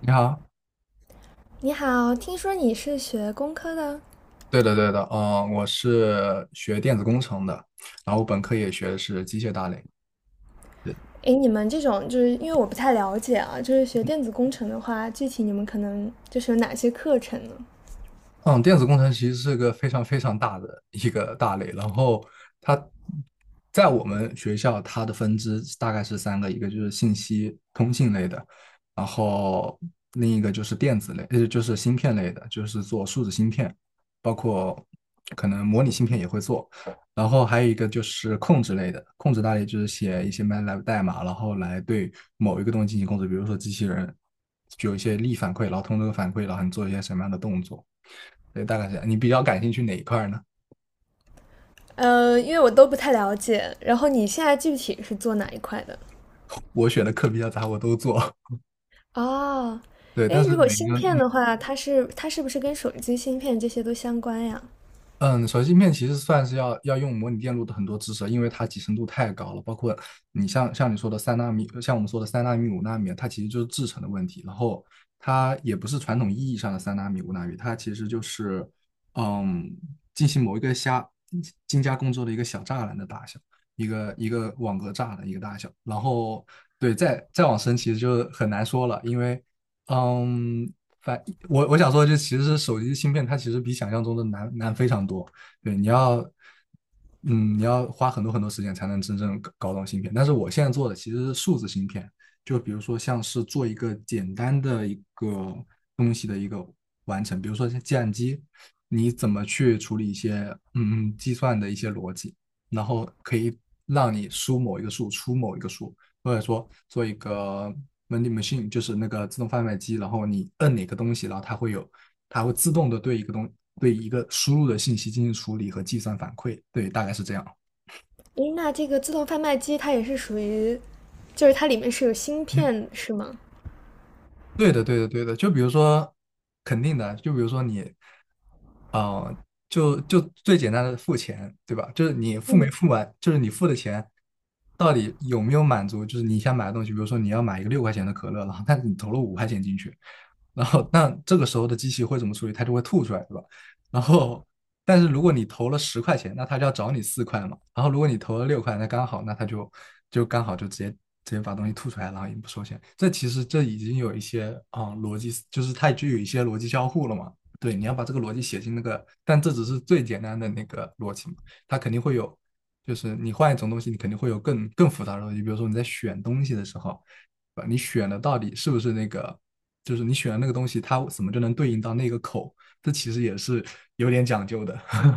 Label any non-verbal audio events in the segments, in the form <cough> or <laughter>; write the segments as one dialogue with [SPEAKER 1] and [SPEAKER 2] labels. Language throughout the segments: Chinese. [SPEAKER 1] 你好，
[SPEAKER 2] 你好，听说你是学工科的？
[SPEAKER 1] 对的对的，我是学电子工程的，然后本科也学的是机械大类，
[SPEAKER 2] 诶，你们这种就是因为我不太了解啊，就是学电子工程的话，具体你们可能就是有哪些课程呢？
[SPEAKER 1] 嗯，电子工程其实是个非常非常大的一个大类，然后它在我们学校它的分支大概是三个，一个就是信息通信类的，然后另一个就是电子类，就是芯片类的，就是做数字芯片，包括可能模拟芯片也会做，然后还有一个就是控制类的，控制大类就是写一些 MATLAB 代码，然后来对某一个东西进行控制，比如说机器人具有一些力反馈，然后通过这个反馈，然后你做一些什么样的动作。对，大概是这样。你比较感兴趣哪一块呢？
[SPEAKER 2] 因为我都不太了解。然后你现在具体是做哪一块的？
[SPEAKER 1] 我选的课比较杂，我都做。
[SPEAKER 2] 哦，
[SPEAKER 1] <laughs> 对，但
[SPEAKER 2] 诶，
[SPEAKER 1] 是
[SPEAKER 2] 如果
[SPEAKER 1] 每
[SPEAKER 2] 芯
[SPEAKER 1] 个
[SPEAKER 2] 片
[SPEAKER 1] 嗯
[SPEAKER 2] 的话，它是不是跟手机芯片这些都相关呀？
[SPEAKER 1] 嗯，手机芯片其实算是要用模拟电路的很多知识，因为它集成度太高了。包括你像你说的三纳米，像我们说的三纳米、五纳米，它其实就是制程的问题。然后它也不是传统意义上的三纳米、五纳米，它其实就是嗯进行某一个精加工之后的一个小栅栏的大小，一个一个网格栅栏一个大小。然后对，再往深其实就很难说了，因为嗯。反我想说，就其实是手机芯片，它其实比想象中的难非常多。对，你要花很多很多时间才能真正搞懂芯片。但是我现在做的其实是数字芯片，就比如说像是做一个简单的一个东西的一个完成，比如说像计算机，你怎么去处理一些计算的一些逻辑，然后可以让你输某一个数，出某一个数，或者说做一个 vending machine，就是那个自动贩卖机，然后你摁哪个东西，然后它会有，它会自动的对一个东对一个输入的信息进行处理和计算反馈，对，大概是这样。
[SPEAKER 2] 诶，那这个自动贩卖机它也是属于，就是它里面是有芯
[SPEAKER 1] 嗯，
[SPEAKER 2] 片是吗？
[SPEAKER 1] 对的，对的，对的。就比如说，肯定的，就比如说你，呃，就最简单的付钱，对吧？就是你付没
[SPEAKER 2] 嗯，
[SPEAKER 1] 付完，就是你付的钱。到底有没有满足？就是你想买的东西，比如说你要买一个6块钱的可乐，然后但是你投了5块钱进去，然后那这个时候的机器会怎么处理？它就会吐出来，对吧？然后，但是如果你投了10块钱，那它就要找你4块嘛。然后如果你投了六块，那刚好，那它就刚好就直接把东西吐出来，然后也不收钱。这其实这已经有一些逻辑，就是它具有一些逻辑交互了嘛。对，你要把这个逻辑写进那个，但这只是最简单的那个逻辑嘛，它肯定会有，就是你换一种东西，你肯定会有更复杂的东西。比如说你在选东西的时候，你选的到底是不是那个就是你选的那个东西，它怎么就能对应到那个口，这其实也是有点讲究的。<laughs>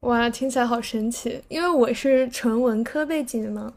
[SPEAKER 2] 哇，听起来好神奇！因为我是纯文科背景的嘛，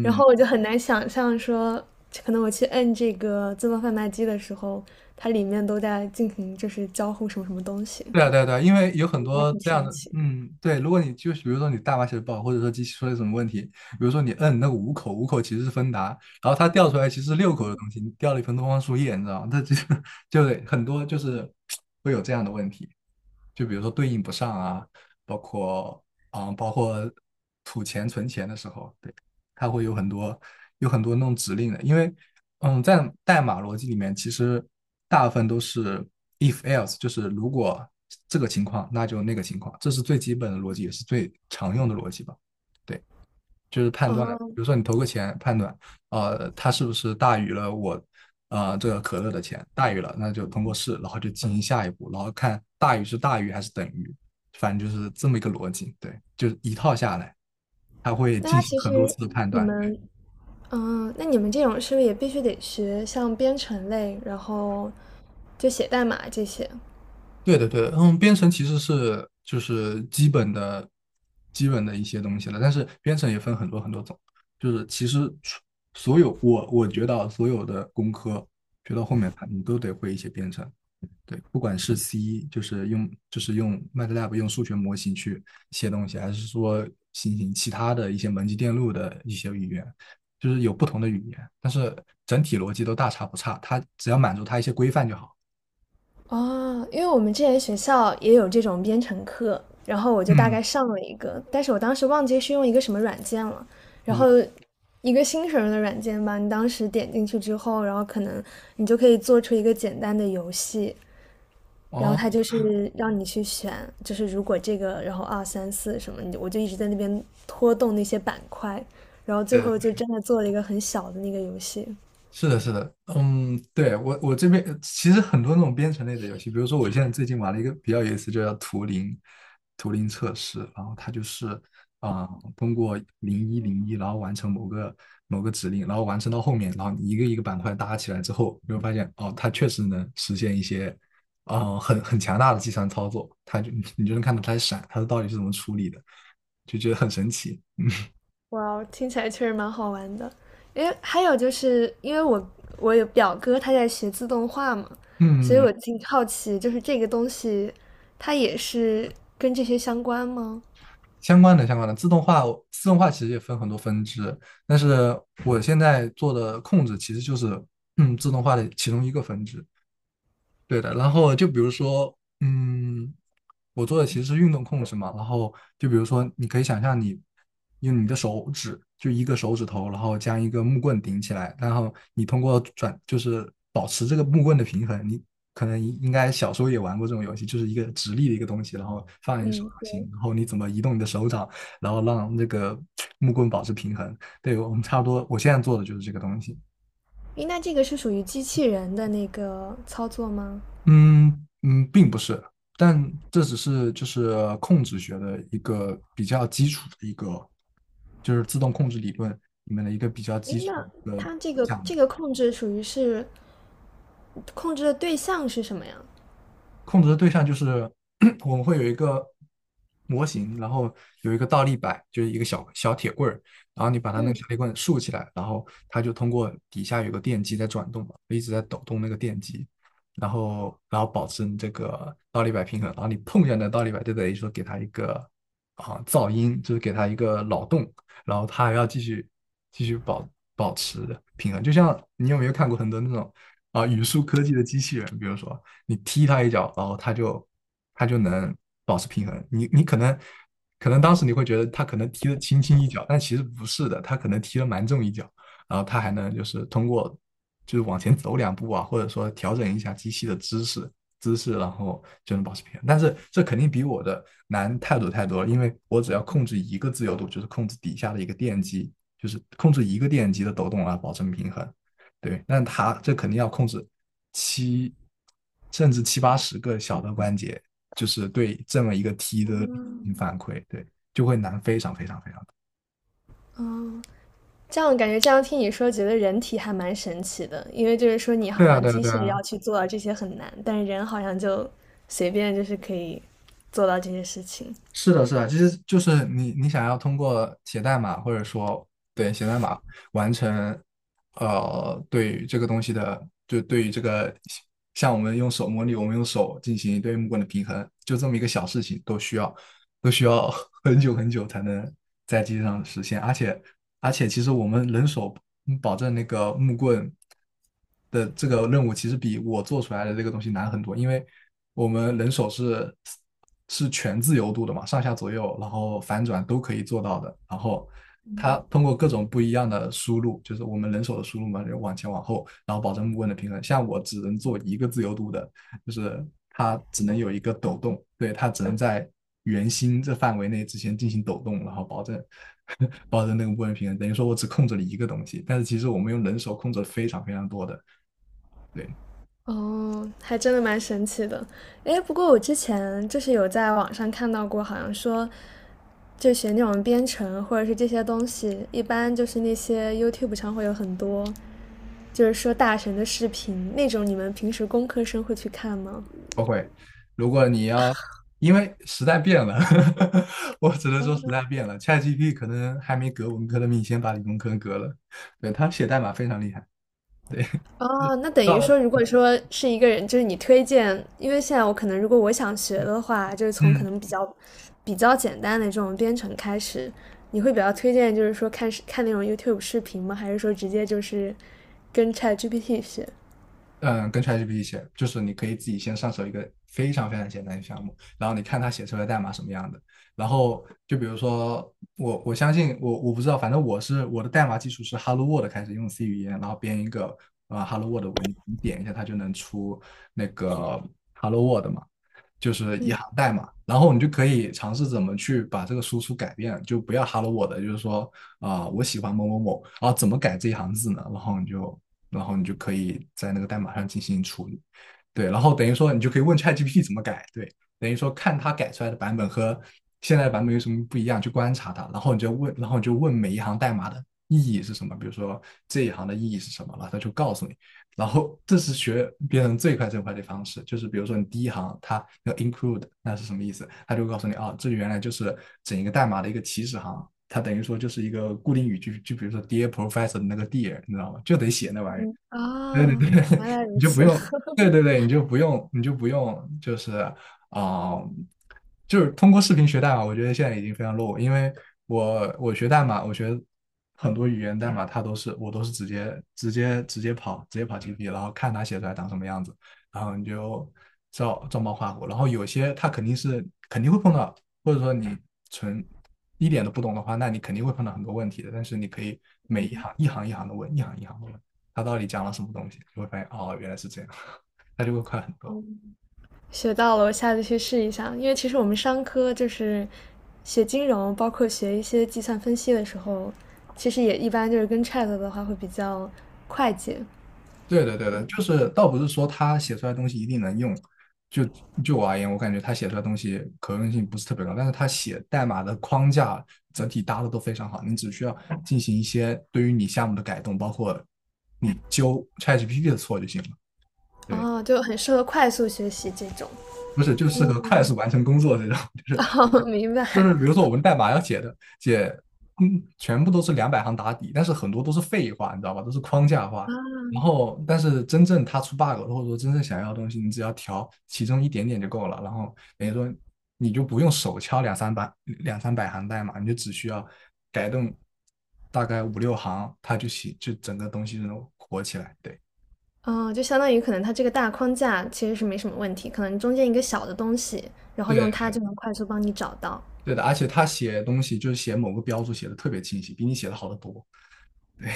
[SPEAKER 2] 然后我就很难想象说，可能我去摁这个自动贩卖机的时候，它里面都在进行就是交互什么什么东西。感
[SPEAKER 1] 对啊，对啊，对啊，因为有很
[SPEAKER 2] 觉还
[SPEAKER 1] 多
[SPEAKER 2] 挺
[SPEAKER 1] 这样
[SPEAKER 2] 神
[SPEAKER 1] 的，
[SPEAKER 2] 奇。
[SPEAKER 1] 嗯，对，如果你就是比如说你代码写的不好，或者说机器出了什么问题，比如说你摁那个五口，五口其实是芬达，然后它掉出来其实是六口的东西，你掉了一盆东方树叶，你知道吗？它就是 <laughs> 就得很多就是会有这样的问题，就比如说对应不上啊，包括啊、包括吐钱存钱的时候，对，它会有很多那种指令的，因为在代码逻辑里面，其实大部分都是 if else，就是如果这个情况，那就那个情况，这是最基本的逻辑，也是最常用的逻辑吧。对，就是判断，比
[SPEAKER 2] 哦，
[SPEAKER 1] 如说你投个钱，判断，它是不是大于了我，这个可乐的钱，大于了，那就通过试，然后就进行下一步，然后看大于是大于还是等于，反正就是这么一个逻辑。对，就是一套下来，它会
[SPEAKER 2] 那
[SPEAKER 1] 进
[SPEAKER 2] 它
[SPEAKER 1] 行
[SPEAKER 2] 其
[SPEAKER 1] 很多
[SPEAKER 2] 实
[SPEAKER 1] 次的判
[SPEAKER 2] 你
[SPEAKER 1] 断。
[SPEAKER 2] 们，那你们这种是不是也必须得学像编程类，然后就写代码这些？
[SPEAKER 1] 对的，对的，编程其实就是基本的、一些东西了，但是编程也分很多很多种，就是其实所有我觉得所有的工科学到后面它你都得会一些编程，对，不管是 C 就是用 MATLAB 用数学模型去写东西，还是说进行其他的一些门级电路的一些语言，就是有不同的语言，但是整体逻辑都大差不差，它只要满足它一些规范就好。
[SPEAKER 2] 哦，因为我们之前学校也有这种编程课，然后我就大
[SPEAKER 1] 嗯
[SPEAKER 2] 概上了一个，但是我当时忘记是用一个什么软件了，然
[SPEAKER 1] 嗯，
[SPEAKER 2] 后一个新手用的软件吧，你当时点进去之后，然后可能你就可以做出一个简单的游戏，然后
[SPEAKER 1] 哦。
[SPEAKER 2] 它就是让你去选，就是如果这个，然后二三四什么，你就我就一直在那边拖动那些板块，然后最后就真的做了一个很小的那个游戏。
[SPEAKER 1] 是的，是的，嗯，对，我这边其实很多那种编程类的游戏，比如说我现在最近玩了一个比较有意思，就叫图灵测试，然后它就是通过0101，然后完成某个指令，然后完成到后面，然后你一个一个板块搭起来之后，你会发现哦，它确实能实现一些很强大的计算操作，你就能看到它闪，它到底是怎么处理的，就觉得很神奇。嗯，
[SPEAKER 2] 哇哦听起来确实蛮好玩的。因为还有就是因为我有表哥他在学自动化嘛，所以
[SPEAKER 1] 嗯
[SPEAKER 2] 我挺好奇，就是这个东西它也是跟这些相关吗？
[SPEAKER 1] 相关的相关的自动化，自动化其实也分很多分支，但是我现在做的控制其实就是自动化的其中一个分支。对的，然后就比如说，嗯，我做的其实是运动控制嘛，然后就比如说，你可以想象你用你的手指，就一个手指头，然后将一个木棍顶起来，然后你通过转，就是保持这个木棍的平衡。你可能应该小时候也玩过这种游戏，就是一个直立的一个东西，然后放在你手掌
[SPEAKER 2] 嗯，对。
[SPEAKER 1] 心，然后你怎么移动你的手掌，然后让那个木棍保持平衡。对，我们差不多，我现在做的就是这个东西。
[SPEAKER 2] 诶，那这个是属于机器人的那个操作吗？
[SPEAKER 1] 嗯嗯，并不是，但这只是就是控制学的一个比较基础的一个，就是自动控制理论里面的一个比较基
[SPEAKER 2] 诶，
[SPEAKER 1] 础
[SPEAKER 2] 那
[SPEAKER 1] 的
[SPEAKER 2] 它这个
[SPEAKER 1] 讲
[SPEAKER 2] 这个控制属于是控制的对象是什么呀？
[SPEAKER 1] 控制的对象就是 <clears throat> 我们会有一个模型，然后有一个倒立摆，就是一个小铁棍儿，然后你把它那
[SPEAKER 2] 嗯
[SPEAKER 1] 个小铁棍竖起来，然后它就通过底下有个电机在转动嘛，一直在抖动那个电机，然后保持你这个倒立摆平衡，然后你碰一下那倒立摆，就等于说给它一个噪音，就是给它一个扰动，然后它还要继续保持平衡，就像你有没有看过很多那种语数科技的机器人，比如说。你踢他一脚，然后他就能保持平衡。你可能当时你会觉得他可能踢了轻轻一脚，但其实不是的，他可能踢了蛮重一脚，然后他还能就是通过就是往前走两步啊，或者说调整一下机器的姿势，然后就能保持平衡。但是这肯定比我的难太多太多了，因为我只要控制一个自由度，就是控制底下的一个电机，就是控制一个电机的抖动啊，保证平衡。对，但他这肯定要控制七甚至七八十个小的关节，就是对这么一个 T 的反馈，对，就会难非常非常非常多。
[SPEAKER 2] 这样感觉这样听你说，觉得人体还蛮神奇的，因为就是说你
[SPEAKER 1] 对
[SPEAKER 2] 好
[SPEAKER 1] 啊，
[SPEAKER 2] 像
[SPEAKER 1] 对啊，
[SPEAKER 2] 机
[SPEAKER 1] 对
[SPEAKER 2] 械要
[SPEAKER 1] 啊。
[SPEAKER 2] 去做到这些很难，但是人好像就随便就是可以做到这些事情。
[SPEAKER 1] 是的，是的，其实就是你想要通过写代码，或者说对写代码完成，对于这个东西的，就对于这个，像我们用手模拟，我们用手进行对木棍的平衡，就这么一个小事情，都需要都需要 <laughs> 很久很久才能在机上实现，而且其实我们人手保证那个木棍的这个任务，其实比我做出来的这个东西难很多，因为我们人手是全自由度的嘛，上下左右，然后反转都可以做到的。然后它通过各种不一样的输入，就是我们人手的输入嘛，就往前往后，然后保证木棍的平衡。像我只能做一个自由度的，就是它只能有一个抖动，对，它只能在圆心这范围内之前进行抖动，然后保证 <laughs> 保证那个木棍平衡。等于说我只控制了一个东西，但是其实我们用人手控制了非常非常多的。对。
[SPEAKER 2] 哦，还真的蛮神奇的。诶，不过我之前就是有在网上看到过，好像说就学那种编程或者是这些东西，一般就是那些 YouTube 上会有很多，就是说大神的视频那种，你们平时工科生会去看吗？
[SPEAKER 1] 不会。如果你要，因为时代变了，<laughs> 我只能说时代变了。ChatGPT 可能还没革文科的命，先把理工科革了。对，他写代码非常厉害。对，
[SPEAKER 2] 哦，那等
[SPEAKER 1] 到
[SPEAKER 2] 于
[SPEAKER 1] 了，
[SPEAKER 2] 说，如果说是一个人，就是你推荐，因为现在我可能如果我想学
[SPEAKER 1] 嗯，
[SPEAKER 2] 的话，就是从可
[SPEAKER 1] 嗯
[SPEAKER 2] 能比较简单的这种编程开始，你会比较推荐，就是说看那种 YouTube 视频吗？还是说直接就是跟 ChatGPT 学？
[SPEAKER 1] 嗯，跟 ChatGPT 写，就是你可以自己先上手一个非常非常简单的项目，然后你看它写出来的代码什么样的。然后就比如说我，我相信我不知道，反正我是我的代码基础是 Hello World 开始用 C 语言，然后编一个啊 Hello World 文，你点一下它就能出那个 Hello World 嘛，就是一
[SPEAKER 2] 嗯，
[SPEAKER 1] 行代码。然后你就可以尝试怎么去把这个输出改变，就不要 Hello World，就是说啊、我喜欢某某某，然后怎么改这一行字呢？然后你就可以在那个代码上进行处理。对，然后等于说你就可以问 ChatGPT 怎么改，对，等于说看它改出来的版本和现在的版本有什么不一样，去观察它，然后你就问，然后你就问每一行代码的意义是什么，比如说这一行的意义是什么，然后它就告诉你。然后这是学编程最快最快的方式，就是比如说你第一行它要 include 那是什么意思，它就告诉你啊，这原来就是整一个代码的一个起始行，它等于说就是一个固定语句，就比如说 Dear Professor 的那个 Dear，你知道吗？就得写那玩意儿，对 <laughs>
[SPEAKER 2] 哦，
[SPEAKER 1] 对对，
[SPEAKER 2] 原来
[SPEAKER 1] <laughs> 你
[SPEAKER 2] 如
[SPEAKER 1] 就不
[SPEAKER 2] 此，
[SPEAKER 1] 用，对对
[SPEAKER 2] <laughs>
[SPEAKER 1] 对，你就不用，你就不用，就是啊、就是通过视频学代码，我觉得现在已经非常 low，因为我学代码，我学很多语言代码，它都是我都是直接跑 GP，然后看它写出来长什么样子，然后你就照照猫画虎，然后有些它肯定会碰到，或者说你纯一点都不懂的话，那你肯定会碰到很多问题的，但是你可以每一行一行一行的问，一行一行的问。他到底讲了什么东西，就会发现哦，原来是这样，<laughs> 他就会快很多。
[SPEAKER 2] 学到了，我下次去试一下。因为其实我们商科就是学金融，包括学一些计算分析的时候，其实也一般就是跟 Chat 的话会比较快捷。
[SPEAKER 1] 对的，对的，就是倒不是说他写出来的东西一定能用，就就我而言，我感觉他写出来的东西可用性不是特别高，但是他写代码的框架整体搭的都非常好，你只需要进行一些对于你项目的改动，包括你纠 ChatGPT 的错就行了。对，
[SPEAKER 2] 哦，就很适合快速学习这种。
[SPEAKER 1] 不是就适合快速完成工作这种。
[SPEAKER 2] <laughs> 哦，明
[SPEAKER 1] 就是比
[SPEAKER 2] 白。
[SPEAKER 1] 如说我们代码要写的写，嗯，全部都是200行打底，但是很多都是废话，你知道吧？都是框架化。然后，但是真正他出 bug 了，或者说真正想要的东西，你只要调其中一点点就够了。然后等于说你就不用手敲两三百行代码，你就只需要改动大概五六行，它就写就整个东西就能火起来。对
[SPEAKER 2] 哦，就相当于可能它这个大框架其实是没什么问题，可能中间一个小的东西，然后用它
[SPEAKER 1] 对
[SPEAKER 2] 就能快速帮你找到。
[SPEAKER 1] 对的，而且他写东西就是写某个标注写的特别清晰，比你写的好得多。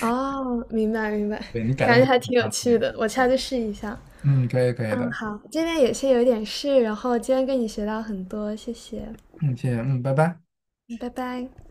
[SPEAKER 2] 哦，明白明白，
[SPEAKER 1] 对你改动
[SPEAKER 2] 感觉还
[SPEAKER 1] 很
[SPEAKER 2] 挺有
[SPEAKER 1] 方
[SPEAKER 2] 趣
[SPEAKER 1] 便。
[SPEAKER 2] 的，我下次试一下。
[SPEAKER 1] 嗯，可以可以
[SPEAKER 2] 嗯，
[SPEAKER 1] 的。
[SPEAKER 2] 好，这边有点事，然后今天跟你学到很多，谢谢，
[SPEAKER 1] 嗯，谢谢，嗯，拜拜。
[SPEAKER 2] 嗯拜拜。